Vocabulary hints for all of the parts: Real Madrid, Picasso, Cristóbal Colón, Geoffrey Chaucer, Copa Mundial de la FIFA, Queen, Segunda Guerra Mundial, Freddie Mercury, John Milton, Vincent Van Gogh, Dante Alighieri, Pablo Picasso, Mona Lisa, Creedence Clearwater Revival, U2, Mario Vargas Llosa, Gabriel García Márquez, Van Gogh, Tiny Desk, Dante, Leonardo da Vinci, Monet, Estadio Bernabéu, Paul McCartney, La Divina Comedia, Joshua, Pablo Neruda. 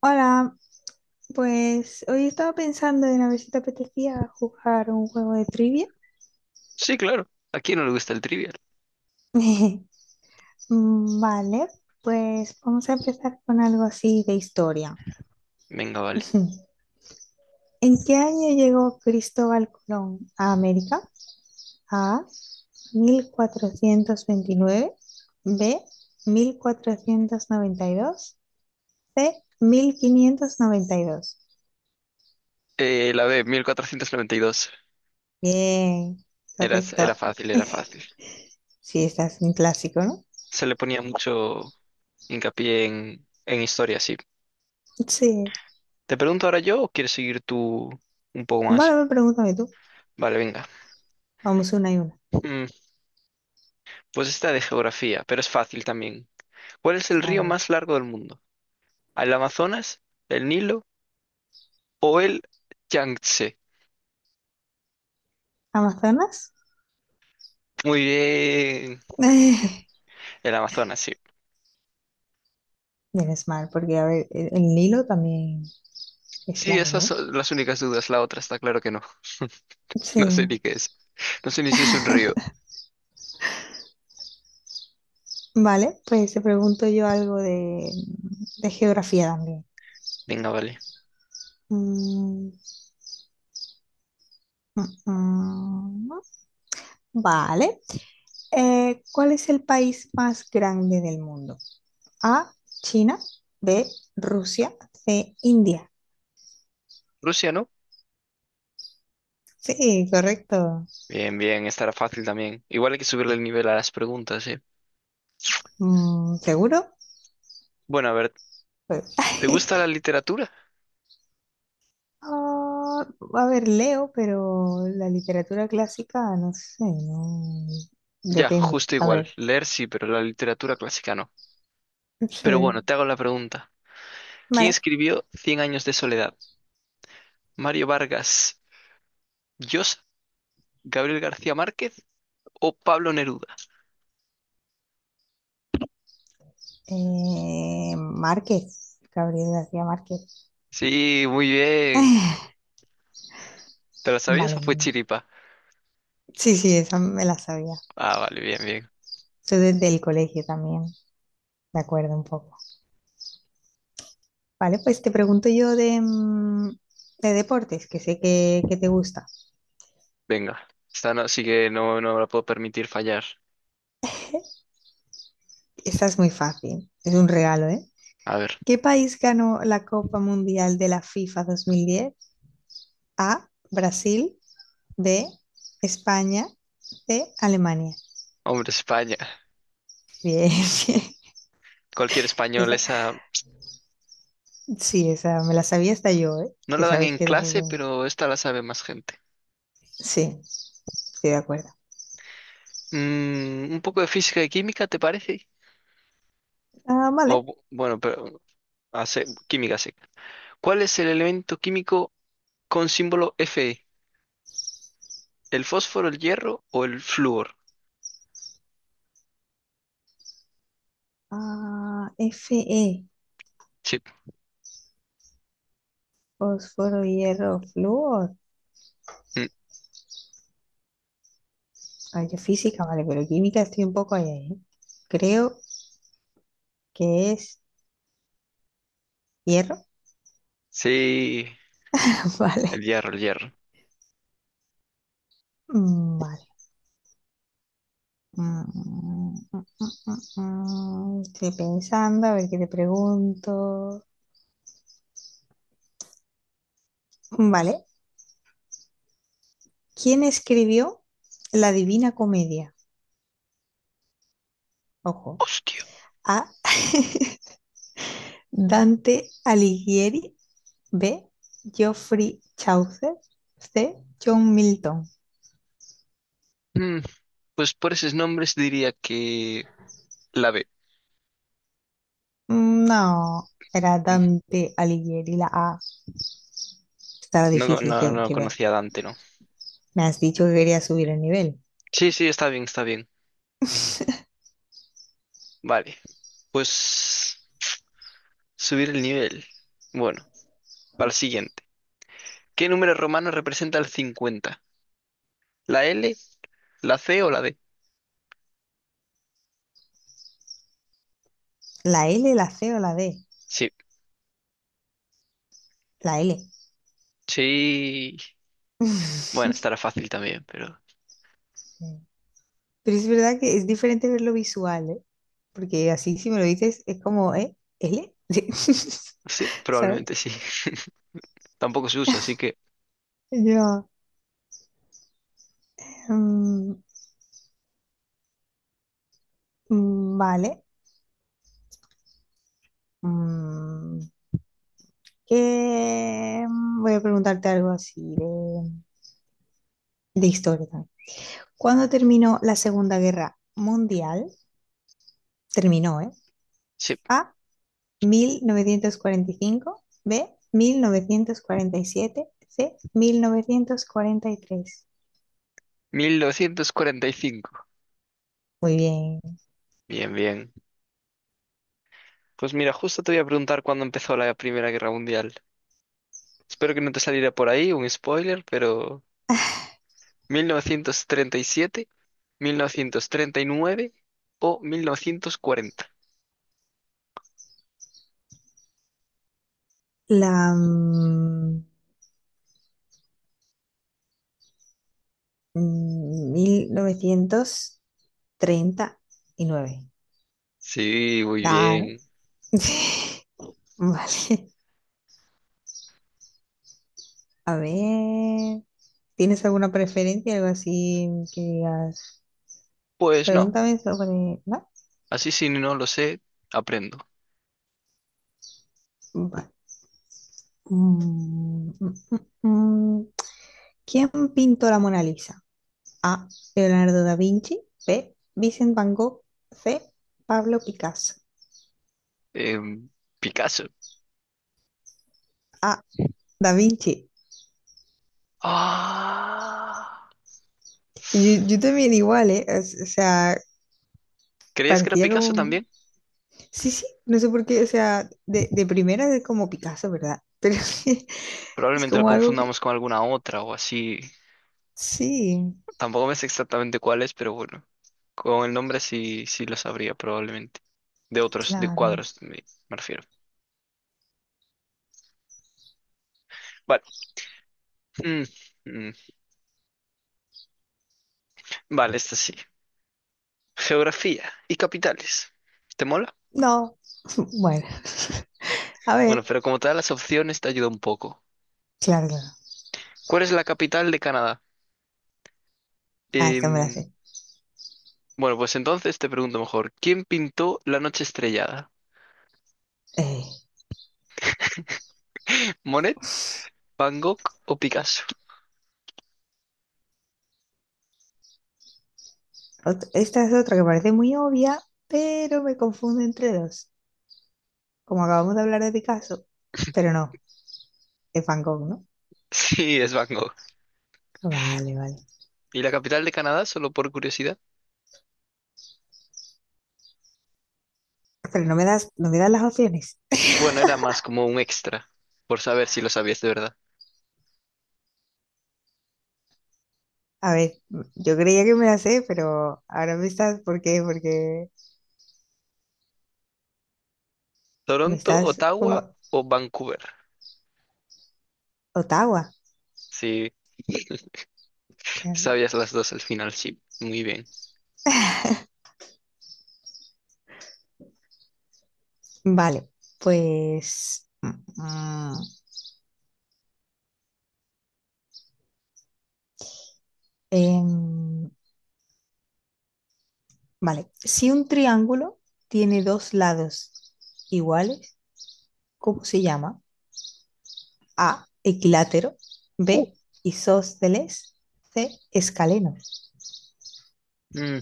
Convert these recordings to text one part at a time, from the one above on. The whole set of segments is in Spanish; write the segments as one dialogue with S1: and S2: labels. S1: Hola, pues hoy estaba pensando en a ver si te apetecía jugar un juego de trivia.
S2: Sí, claro. ¿A quién no le gusta el trivial?
S1: Vale, pues vamos a empezar con algo así de historia.
S2: Venga, vale.
S1: ¿En qué año llegó Cristóbal Colón a América? A, mil cuatrocientos veintinueve; B, mil cuatrocientos noventa y dos; C, 1592.
S2: La B, 1492.
S1: Bien,
S2: Era,
S1: correcto.
S2: era fácil, era fácil.
S1: Sí, estás es un clásico, ¿no?
S2: Se le ponía mucho hincapié en historia, sí.
S1: Sí.
S2: ¿Te pregunto ahora yo o quieres seguir tú un poco más?
S1: Vale, pregúntame tú.
S2: Vale, venga.
S1: Vamos una y una.
S2: Mm, pues esta de geografía, pero es fácil también. ¿Cuál es el
S1: A
S2: río
S1: ver.
S2: más largo del mundo? ¿El Amazonas, el Nilo o el Yangtze?
S1: ¿Amazonas?
S2: Muy bien. El Amazonas, sí.
S1: Menos mal, porque a ver, el Nilo también es
S2: Sí, esas
S1: largo.
S2: son las únicas dudas. La otra está claro que no.
S1: Sí.
S2: No sé ni qué es. No sé ni si es un río.
S1: Vale, pues te pregunto yo algo de geografía también.
S2: Venga, vale.
S1: Mm, mm, mm. Vale. ¿Cuál es el país más grande del mundo? A, China; B, Rusia; C, India.
S2: Rusia, ¿no?
S1: Sí, correcto.
S2: Bien, bien, estará fácil también. Igual hay que subirle el nivel a las preguntas, ¿eh?
S1: Mm, ¿seguro?
S2: Bueno, a ver,
S1: Pues,
S2: ¿te gusta la literatura?
S1: Ah, a ver, leo, pero la literatura clásica, no sé, no.
S2: Ya,
S1: Depende.
S2: justo
S1: A
S2: igual.
S1: ver.
S2: Leer sí, pero la literatura clásica no.
S1: Sí.
S2: Pero bueno, te hago la pregunta. ¿Quién
S1: Vale.
S2: escribió Cien años de soledad? ¿Mario Vargas Llosa, Gabriel García Márquez o Pablo Neruda?
S1: Márquez. Gabriel García Márquez.
S2: Sí, muy bien.
S1: Ah,
S2: ¿Te lo sabías o fue
S1: vale.
S2: chiripa?
S1: Sí, sí, esa me la sabía.
S2: Ah, vale, bien, bien.
S1: Yo desde el colegio también, de acuerdo un poco. Vale, pues te pregunto yo de, de deportes, que sé que te gusta.
S2: Venga. Esta no, sí que no, no me la puedo permitir fallar.
S1: Esta es muy fácil, es un regalo, ¿eh?
S2: A ver,
S1: ¿Qué país ganó la Copa Mundial de la FIFA 2010? A, Brasil; B, España; C, Alemania.
S2: hombre, España.
S1: Bien, bien.
S2: Cualquier español,
S1: Esa-
S2: esa
S1: sí, esa me la sabía hasta yo, ¿eh?
S2: no
S1: Que
S2: la dan
S1: sabes
S2: en
S1: que eres
S2: clase,
S1: fútbol.
S2: pero esta la sabe más gente.
S1: Sí, estoy de acuerdo.
S2: Un poco de física y química, ¿te parece?
S1: Ah,
S2: O
S1: vale.
S2: bu- bueno, pero hace química sí. ¿Cuál es el elemento químico con símbolo Fe? ¿El fósforo, el hierro o el flúor?
S1: Ah, Fe,
S2: Sí.
S1: fósforo, hierro, flúor.
S2: Mm,
S1: Ay, yo física, vale, pero química estoy un poco ahí, ahí. Creo que es hierro.
S2: sí,
S1: Vale.
S2: el hierro, el hierro.
S1: Vale. Mm. Estoy pensando, a ver qué te pregunto. Vale. ¿Quién escribió La Divina Comedia? Ojo.
S2: Hostia.
S1: A, Dante Alighieri; B, Geoffrey Chaucer; C, John Milton.
S2: Mm, pues por esos nombres diría que la B.
S1: No, era
S2: Mm,
S1: Dante Alighieri, la A. Estaba
S2: No,
S1: difícil
S2: no, no
S1: que ver.
S2: conocía a Dante, ¿no?
S1: Me has dicho que quería subir el nivel.
S2: Sí, sí, está bien, está bien. Vale. Pues subir el nivel. Bueno. Para el siguiente. ¿Qué número romano representa el 50? ¿La L, la C o la D?
S1: ¿La L, la C o la D?
S2: Sí,
S1: La L.
S2: sí. Bueno, estará fácil también, pero
S1: Pero es verdad que es diferente verlo visual, ¿eh? Porque así si me lo dices es como, ¿eh? ¿L?
S2: sí,
S1: ¿Sabes?
S2: probablemente sí. Tampoco se usa, así que
S1: Yo, mm, vale. Mm, voy a preguntarte algo así de historia también. ¿Cuándo terminó la Segunda Guerra Mundial? Terminó, ¿eh?
S2: sí.
S1: A, mil novecientos cuarenta y cinco; B, mil novecientos cuarenta y siete; C, mil novecientos cuarenta y tres.
S2: 1945.
S1: Muy bien.
S2: Bien, bien. Pues mira, justo te voy a preguntar cuándo empezó la Primera Guerra Mundial. Espero que no te saliera por ahí un spoiler, pero 1937, 1939 o 1940.
S1: La mm, mil novecientos treinta y nueve.
S2: Sí, muy
S1: Claro.
S2: bien.
S1: Vale, a ver, ¿tienes alguna preferencia, algo así que digas?
S2: Pues no.
S1: Pregúntame sobre... ¿no?
S2: Así si no lo sé, aprendo.
S1: Vale. Mm, mm, mm, mm. ¿Quién pintó la Mona Lisa? A, Leonardo da Vinci; B, Vincent Van Gogh; C, Pablo Picasso.
S2: Em, Picasso.
S1: A, Da Vinci.
S2: Ah.
S1: Yo también igual, ¿eh? O sea,
S2: ¿Creías que era
S1: parecía como...
S2: Picasso también?
S1: Sí, sí, no sé por qué, o sea, de primera es como Picasso, ¿verdad? Pero es
S2: Probablemente lo
S1: como algo.
S2: confundamos con alguna otra o así.
S1: Sí,
S2: Tampoco me sé exactamente cuál es, pero bueno. Con el nombre sí, sí lo sabría probablemente. De otros de
S1: claro.
S2: cuadros me refiero. Vale. Mm, mm. Vale, esta sí. Geografía y capitales. ¿Te mola?
S1: No, bueno. A ver,
S2: Bueno, pero como te da las opciones te ayuda un poco.
S1: claro, claro.
S2: ¿Cuál es la capital de Canadá?
S1: Ah, esta me la
S2: Em,
S1: sé.
S2: Bueno, pues entonces te pregunto mejor, ¿quién pintó La noche estrellada?
S1: Eh,
S2: ¿Monet, Van Gogh o Picasso?
S1: esta es otra que parece muy obvia, pero me confunde entre dos. Como acabamos de hablar de Picasso, pero no, es Van Gogh, ¿no?
S2: Sí, es Van Gogh.
S1: Vale, vale.
S2: ¿Y la capital de Canadá, solo por curiosidad?
S1: Pero no me das las opciones.
S2: Bueno, era más como un extra, por saber si lo sabías de verdad.
S1: A ver, yo creía que me las sé, pero ahora me estás, ¿por qué? Porque me
S2: ¿Toronto,
S1: estás
S2: Ottawa
S1: como
S2: o Vancouver?
S1: Ottawa.
S2: Sí,
S1: Claro.
S2: sabías las dos al final, sí. Muy bien.
S1: Vale, pues... mm. Em, vale, si un triángulo tiene dos lados iguales, ¿cómo se llama? A, equilátero; B,
S2: Uh.
S1: isósceles; C, escalenos.
S2: Mm,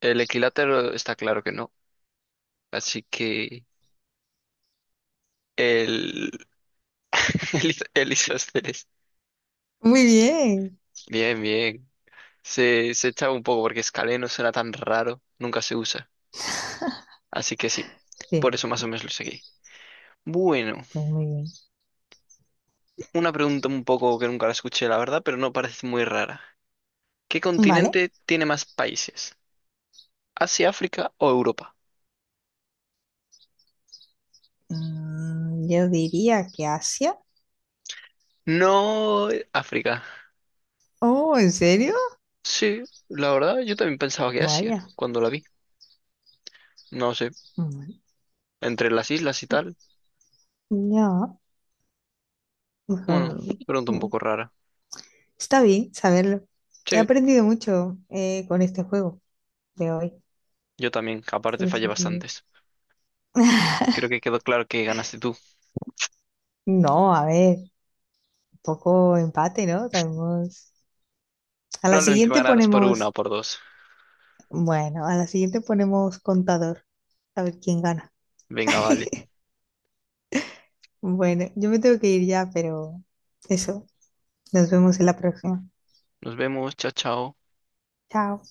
S2: el equilátero está claro que no, así que el, el isósceles.
S1: Muy bien.
S2: Bien, bien. Se echaba un poco porque Scaleno será tan raro, nunca se usa. Así que sí,
S1: Sí,
S2: por eso más o menos lo seguí. Bueno,
S1: pues muy bien.
S2: una pregunta un poco que nunca la escuché, la verdad, pero no parece muy rara. ¿Qué
S1: Vale,
S2: continente tiene más países? ¿Asia, África o Europa?
S1: yo diría que Asia.
S2: No, África.
S1: Oh, ¿en serio?
S2: Sí, la verdad, yo también pensaba que Asia
S1: Vaya.
S2: cuando la vi. No sé,
S1: Bueno,
S2: entre las islas y
S1: sí,
S2: tal.
S1: ya,
S2: Bueno,
S1: mejor.
S2: pregunta un
S1: mm,
S2: poco rara.
S1: Está bien saberlo. He
S2: Sí,
S1: aprendido mucho, con este juego de hoy.
S2: yo también, aparte
S1: No
S2: fallé
S1: sé si...
S2: bastantes. Creo que quedó claro que ganaste tú.
S1: No, a ver, un poco empate, ¿no? Tenemos... A la
S2: Probablemente me
S1: siguiente
S2: ganarás por una
S1: ponemos,
S2: o por dos.
S1: bueno, a la siguiente ponemos contador, a ver quién gana.
S2: Venga, vale.
S1: Bueno, yo me tengo que ir ya, pero eso, nos vemos en la próxima.
S2: Nos vemos. Chao, chao.
S1: Chao.